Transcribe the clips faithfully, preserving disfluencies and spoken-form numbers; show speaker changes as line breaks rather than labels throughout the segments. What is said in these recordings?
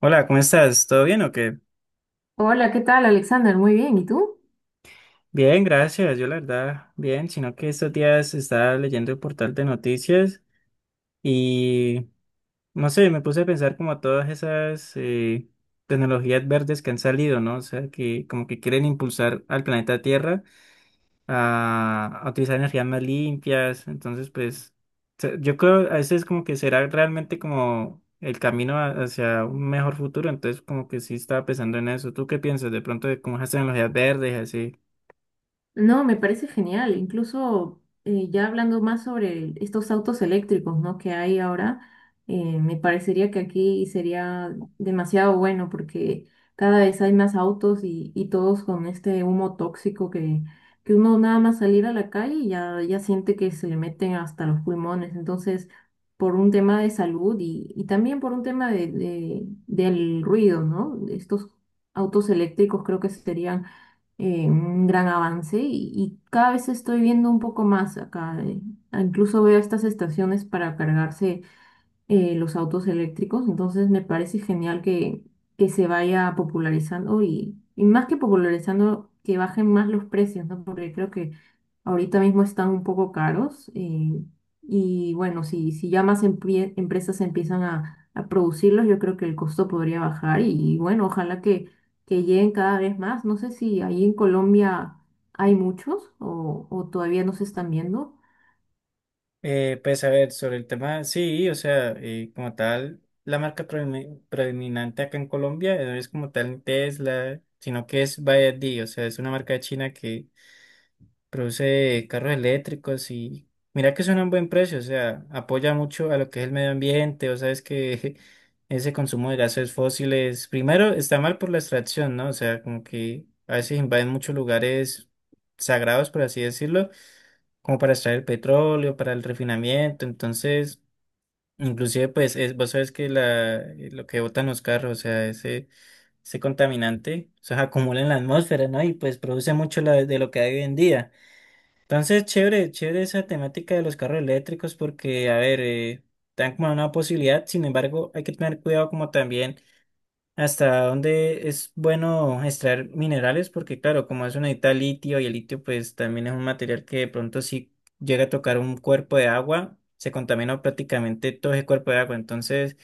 Hola, ¿cómo estás? ¿Todo bien o qué?
Hola, ¿qué tal, Alexander? Muy bien, ¿y tú?
Bien, gracias. Yo la verdad, bien, sino que estos días estaba leyendo el portal de noticias y no sé, me puse a pensar como todas esas eh, tecnologías verdes que han salido, ¿no? O sea, que como que quieren impulsar al planeta Tierra a, a utilizar energías más limpias. Entonces, pues, se- yo creo a veces como que será realmente como el camino a- hacia un mejor futuro. Entonces, como que sí estaba pensando en eso. ¿Tú qué piensas de pronto de cómo esas tecnologías verdes y así?
No, me parece genial. Incluso eh, ya hablando más sobre estos autos eléctricos, ¿no? Que hay ahora, eh, me parecería que aquí sería demasiado bueno porque cada vez hay más autos y, y todos con este humo tóxico que, que uno nada más salir a la calle y ya, ya siente que se le meten hasta los pulmones. Entonces, por un tema de salud y, y también por un tema de, de- del ruido, ¿no? Estos autos eléctricos creo que serían eh, un gran avance y, y cada vez estoy viendo un poco más acá. eh, ah, Incluso veo estas estaciones para cargarse eh, los autos eléctricos, entonces me parece genial que, que se vaya popularizando y, y más que popularizando, que bajen más los precios, ¿no? Porque creo que ahorita mismo están un poco caros eh, y bueno, si, si ya más emprie- empresas empiezan a, a producirlos, yo creo que el costo podría bajar y, y bueno, ojalá que, que lleguen cada vez más. No sé si ahí en Colombia hay muchos o, o todavía no se están viendo.
Eh, pues a ver, sobre el tema, sí, o sea, eh, como tal, la marca predomi- predominante acá en Colombia eh, no es como tal Tesla, sino que es B Y D, o sea, es una marca de china que produce carros eléctricos y mira que son a un buen precio, o sea, apoya mucho a lo que es el medio ambiente, o sea, es que ese consumo de gases fósiles, primero está mal por la extracción, ¿no? O sea, como que a veces invaden muchos lugares sagrados, por así decirlo como para extraer el petróleo, para el refinamiento, entonces, inclusive pues es, vos sabes que la, eh, lo que botan los carros, o sea, ese, ese contaminante, o sea, acumula en la atmósfera, ¿no? Y pues produce mucho la- de lo que hay hoy en día. Entonces, chévere, chévere esa temática de los carros eléctricos porque, a ver, eh, dan como una posibilidad, sin embargo, hay que tener cuidado como también hasta dónde es bueno extraer minerales, porque claro, como eso necesita litio y el litio pues también es un material que de pronto si llega a tocar un cuerpo de agua, se contamina prácticamente todo ese cuerpo de agua, entonces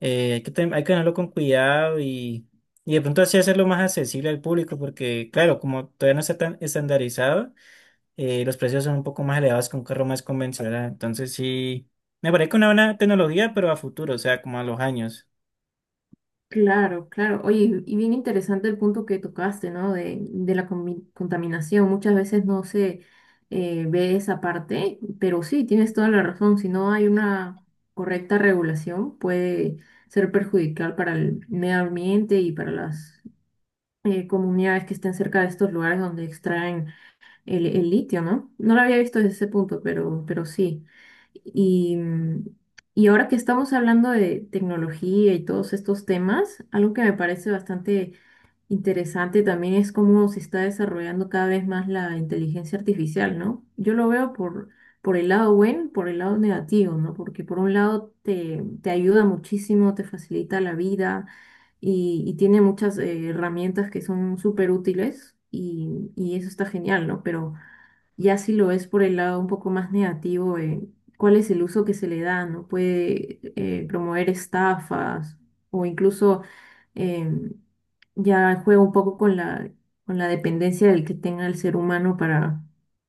eh, hay que, ten- hay que tenerlo con cuidado y, y de pronto así hacerlo más accesible al público, porque claro, como todavía no está tan estandarizado, eh, los precios son un poco más elevados que un carro más convencional, entonces sí, me parece que una buena tecnología, pero a futuro, o sea, como a los años.
Claro, claro. Oye, y bien interesante el punto que tocaste, ¿no? De, de la comi- contaminación. Muchas veces no se eh, ve esa parte, pero sí, tienes toda la razón. Si no hay una correcta regulación, puede ser perjudicial para el medio ambiente y para las eh, comunidades que estén cerca de estos lugares donde extraen el, el litio, ¿no? No lo había visto desde ese punto, pero, pero sí. Y, mm, y ahora que estamos hablando de tecnología y todos estos temas, algo que me parece bastante interesante también es cómo se está desarrollando cada vez más la inteligencia artificial, ¿no? Yo lo veo por, por el lado bueno, por el lado negativo, ¿no? Porque por un lado te, te ayuda muchísimo, te facilita la vida y, y tiene muchas eh, herramientas que son súper útiles y, y eso está genial, ¿no? Pero ya si lo ves por el lado un poco más negativo, eh, cuál es el uso que se le da, ¿no? Puede eh, promover estafas o incluso em, ya juega un poco con la, con la dependencia del que tenga el ser humano para,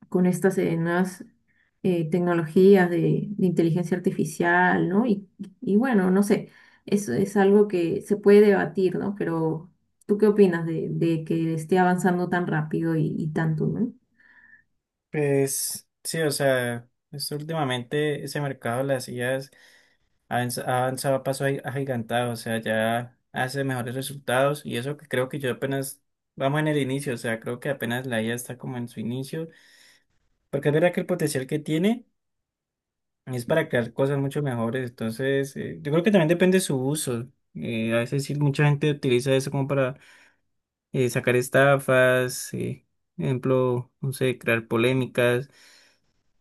con estas eh, nuevas eh, tecnologías de, de inteligencia artificial, ¿no? Y, y bueno, no sé, eso es algo que se puede debatir, ¿no? Pero ¿tú qué opinas de, de que esté avanzando tan rápido y, y tanto, ¿no?
Pues sí, o sea, es últimamente ese mercado de las I As ha avanz- ha avanzado a paso agi- agigantado, o sea, ya hace mejores resultados y eso que creo que yo apenas vamos en el inicio, o sea, creo que apenas la I A está como en su inicio, porque es verdad que el potencial que tiene es para crear cosas mucho mejores, entonces eh, yo creo que también depende de su uso, eh, a veces sí, mucha gente utiliza eso como para eh, sacar estafas, eh, ejemplo, no sé, crear polémicas.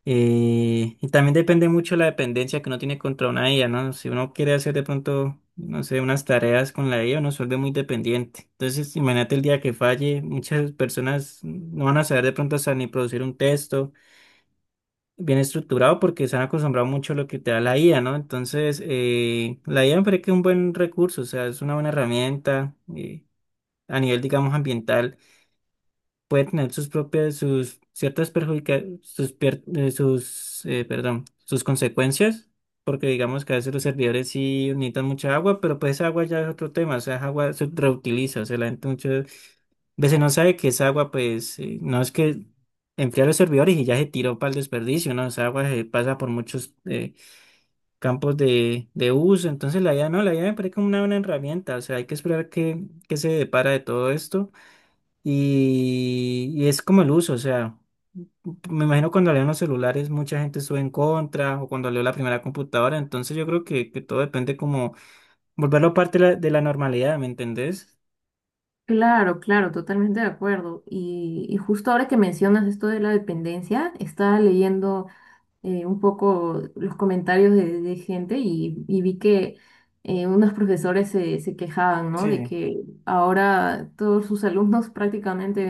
Eh, y también depende mucho la dependencia que uno tiene contra una I A, ¿no? Si uno quiere hacer de pronto, no sé, unas tareas con la I A, uno se vuelve muy dependiente. Entonces, imagínate el día que falle, muchas personas no van a saber de pronto hasta ni producir un texto bien estructurado porque se han acostumbrado mucho a lo que te da la I A, ¿no? Entonces, eh, la I A me parece que es un buen recurso, o sea, es una buena herramienta eh, a nivel, digamos, ambiental puede tener sus propias, sus ciertas perjudica, sus, pier- eh, sus, eh, perdón, sus consecuencias, porque digamos que a veces los servidores sí necesitan mucha agua, pero pues esa agua ya es otro tema, o sea, esa agua se reutiliza, o sea, la gente muchas veces no sabe que esa agua, pues, eh, no es que enfría los servidores y ya se tiró para el desperdicio, ¿no? Esa agua se pasa por muchos eh, campos de, de uso, entonces la I A no, la I A me parece como una buena herramienta, o sea, hay que esperar que, que se depara de todo esto y, y es como el uso, o sea, me imagino cuando salieron los celulares mucha gente estuvo en contra o cuando salió la primera computadora, entonces yo creo que, que todo depende como volverlo parte de la, de la normalidad, ¿me entendés?
Claro, claro, totalmente de acuerdo. Y, y justo ahora que mencionas esto de la dependencia, estaba leyendo eh, un poco los comentarios de, de gente y, y vi que eh, unos profesores se, se quejaban, ¿no? De
Sí,
que ahora todos sus alumnos prácticamente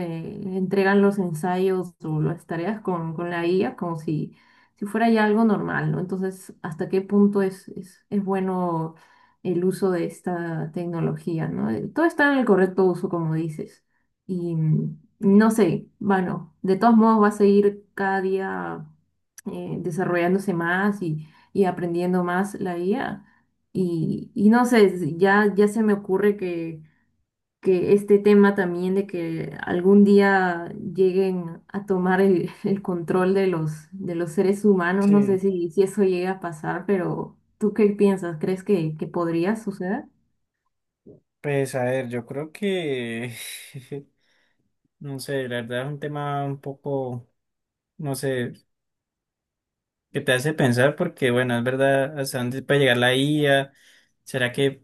entregan los ensayos o las tareas con, con la I A como si, si fuera ya algo normal, ¿no? Entonces, ¿hasta qué punto es, es, es bueno el uso de esta tecnología, ¿no? Eh, Todo está en el correcto uso, como dices. Y mm, no sé, bueno, de todos modos va a seguir cada día eh, desarrollándose más y, y aprendiendo más la I A. Y, y no sé, s- ya, ya se me ocurre que, que este tema también de que algún día lleguen a tomar el, el control de los, de los seres humanos, no sé
sí.
si, si eso llega a pasar, pero ¿tú qué piensas? ¿Crees que, que podría suceder?
Pues a ver, yo creo que, no sé, la verdad es un tema un poco, no sé, que te hace pensar porque, bueno, es verdad, hasta dónde puede llegar la I A. ¿Será que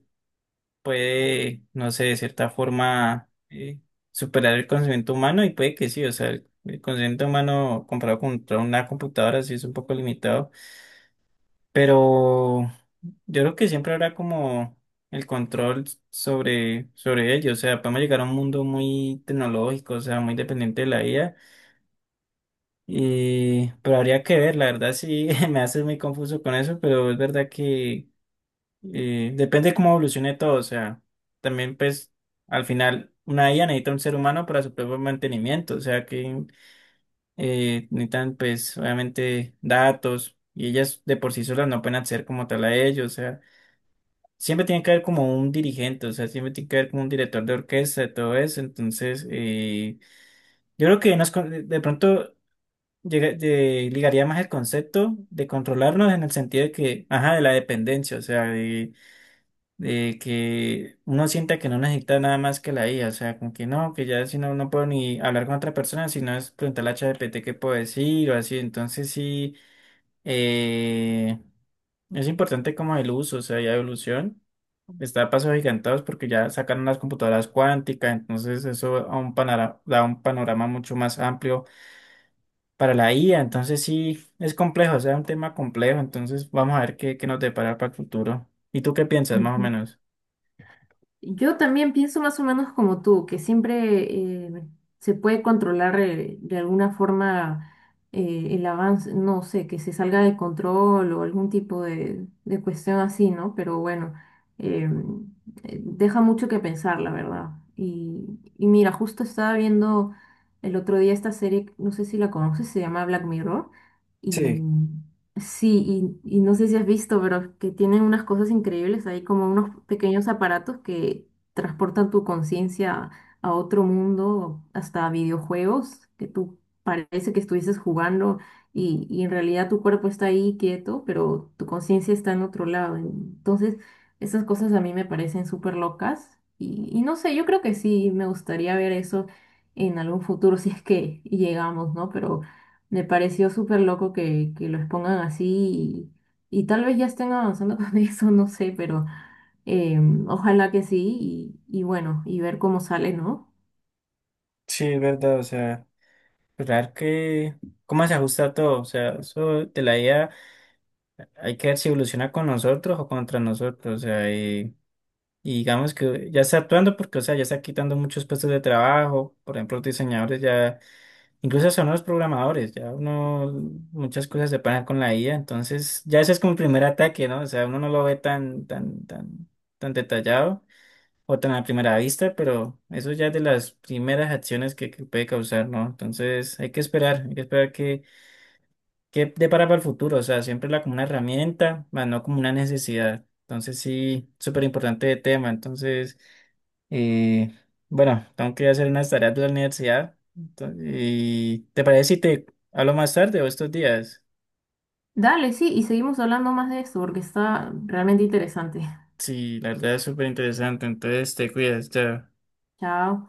puede, no sé, de cierta forma eh, superar el conocimiento humano? Y puede que sí, o sea, el, el conocimiento humano comparado contra una computadora sí es un poco limitado, pero yo creo que siempre habrá como el control sobre, sobre ello, o sea, podemos llegar a un mundo muy tecnológico, o sea, muy dependiente de la I A, y, pero habría que ver, la verdad sí, me hace muy confuso con eso, pero es verdad que eh, depende cómo evolucione todo, o sea, también pues al final una I A necesita un ser humano para su propio mantenimiento, o sea que eh, necesitan pues obviamente datos y ellas de por sí solas no pueden hacer como tal a ello, o sea, siempre tiene que haber como un dirigente, o sea, siempre tiene que haber como un director de orquesta y todo eso, entonces eh, yo creo que nos, con- de pronto llega- de- ligaría más el concepto de controlarnos en el sentido de que, ajá, de la dependencia, o sea, de que uno sienta que no necesita nada más que la I A, o sea, como que no, que ya si no, no puedo ni hablar con otra persona, sino es preguntarle a ChatGPT qué puedo decir o así, entonces sí, eh, es importante como el uso, o sea, ya evolución, está a pasos gigantados porque ya sacaron las computadoras cuánticas, entonces eso a un panora- da un panorama mucho más amplio para la I A, entonces sí, es complejo, o sea, es un tema complejo, entonces vamos a ver qué, qué nos depara para el futuro. ¿Y tú qué piensas más o menos?
Yo también pienso más o menos como tú, que siempre eh, se puede controlar eh, de alguna forma eh, el avance, no sé, que se salga de control o algún tipo de, de cuestión así, ¿no? Pero bueno, eh, eh, deja mucho que pensar, la verdad. Y, y mira, justo estaba viendo el otro día esta serie, no sé si la conoces, se llama Black Mirror,
Sí,
y sí, y, y no sé si has visto, pero que tienen unas cosas increíbles ahí, como unos pequeños aparatos que transportan tu conciencia a otro mundo, hasta videojuegos, que tú parece que estuvieses jugando y, y en realidad tu cuerpo está ahí quieto, pero tu conciencia está en otro lado. Entonces, esas cosas a mí me parecen súper locas y, y no sé, yo creo que sí, me gustaría ver eso en algún futuro si es que llegamos, ¿no? Pero... Me pareció súper loco que, que lo expongan así y, y tal vez ya estén avanzando con eso, no sé, pero eh, ojalá que sí y, y bueno, y ver cómo sale, ¿no?
sí, es verdad, o sea, esperar que cómo se ajusta todo, o sea, eso de la I A hay que ver si evoluciona con nosotros o contra nosotros, o sea, y, y digamos que ya está actuando porque, o sea, ya está quitando muchos puestos de trabajo, por ejemplo, los diseñadores ya, incluso son los programadores, ya uno, muchas cosas se pagan con la I A, entonces ya ese es como el primer ataque, ¿no? O sea, uno no lo ve tan, tan, tan, tan detallado o tan a primera vista, pero eso ya es de las primeras acciones que, que puede causar, ¿no? Entonces hay que esperar, hay que esperar que, que depara para el futuro, o sea, siempre la como una herramienta, más no como una necesidad. Entonces sí, súper importante el tema. Entonces, eh, bueno, tengo que hacer unas tareas de la universidad. Entonces, y ¿te parece si te hablo más tarde o estos días?
Dale, sí, y seguimos hablando más de esto porque está realmente interesante.
Sí, la verdad es súper interesante, entonces te cuidas, chao.
Chao.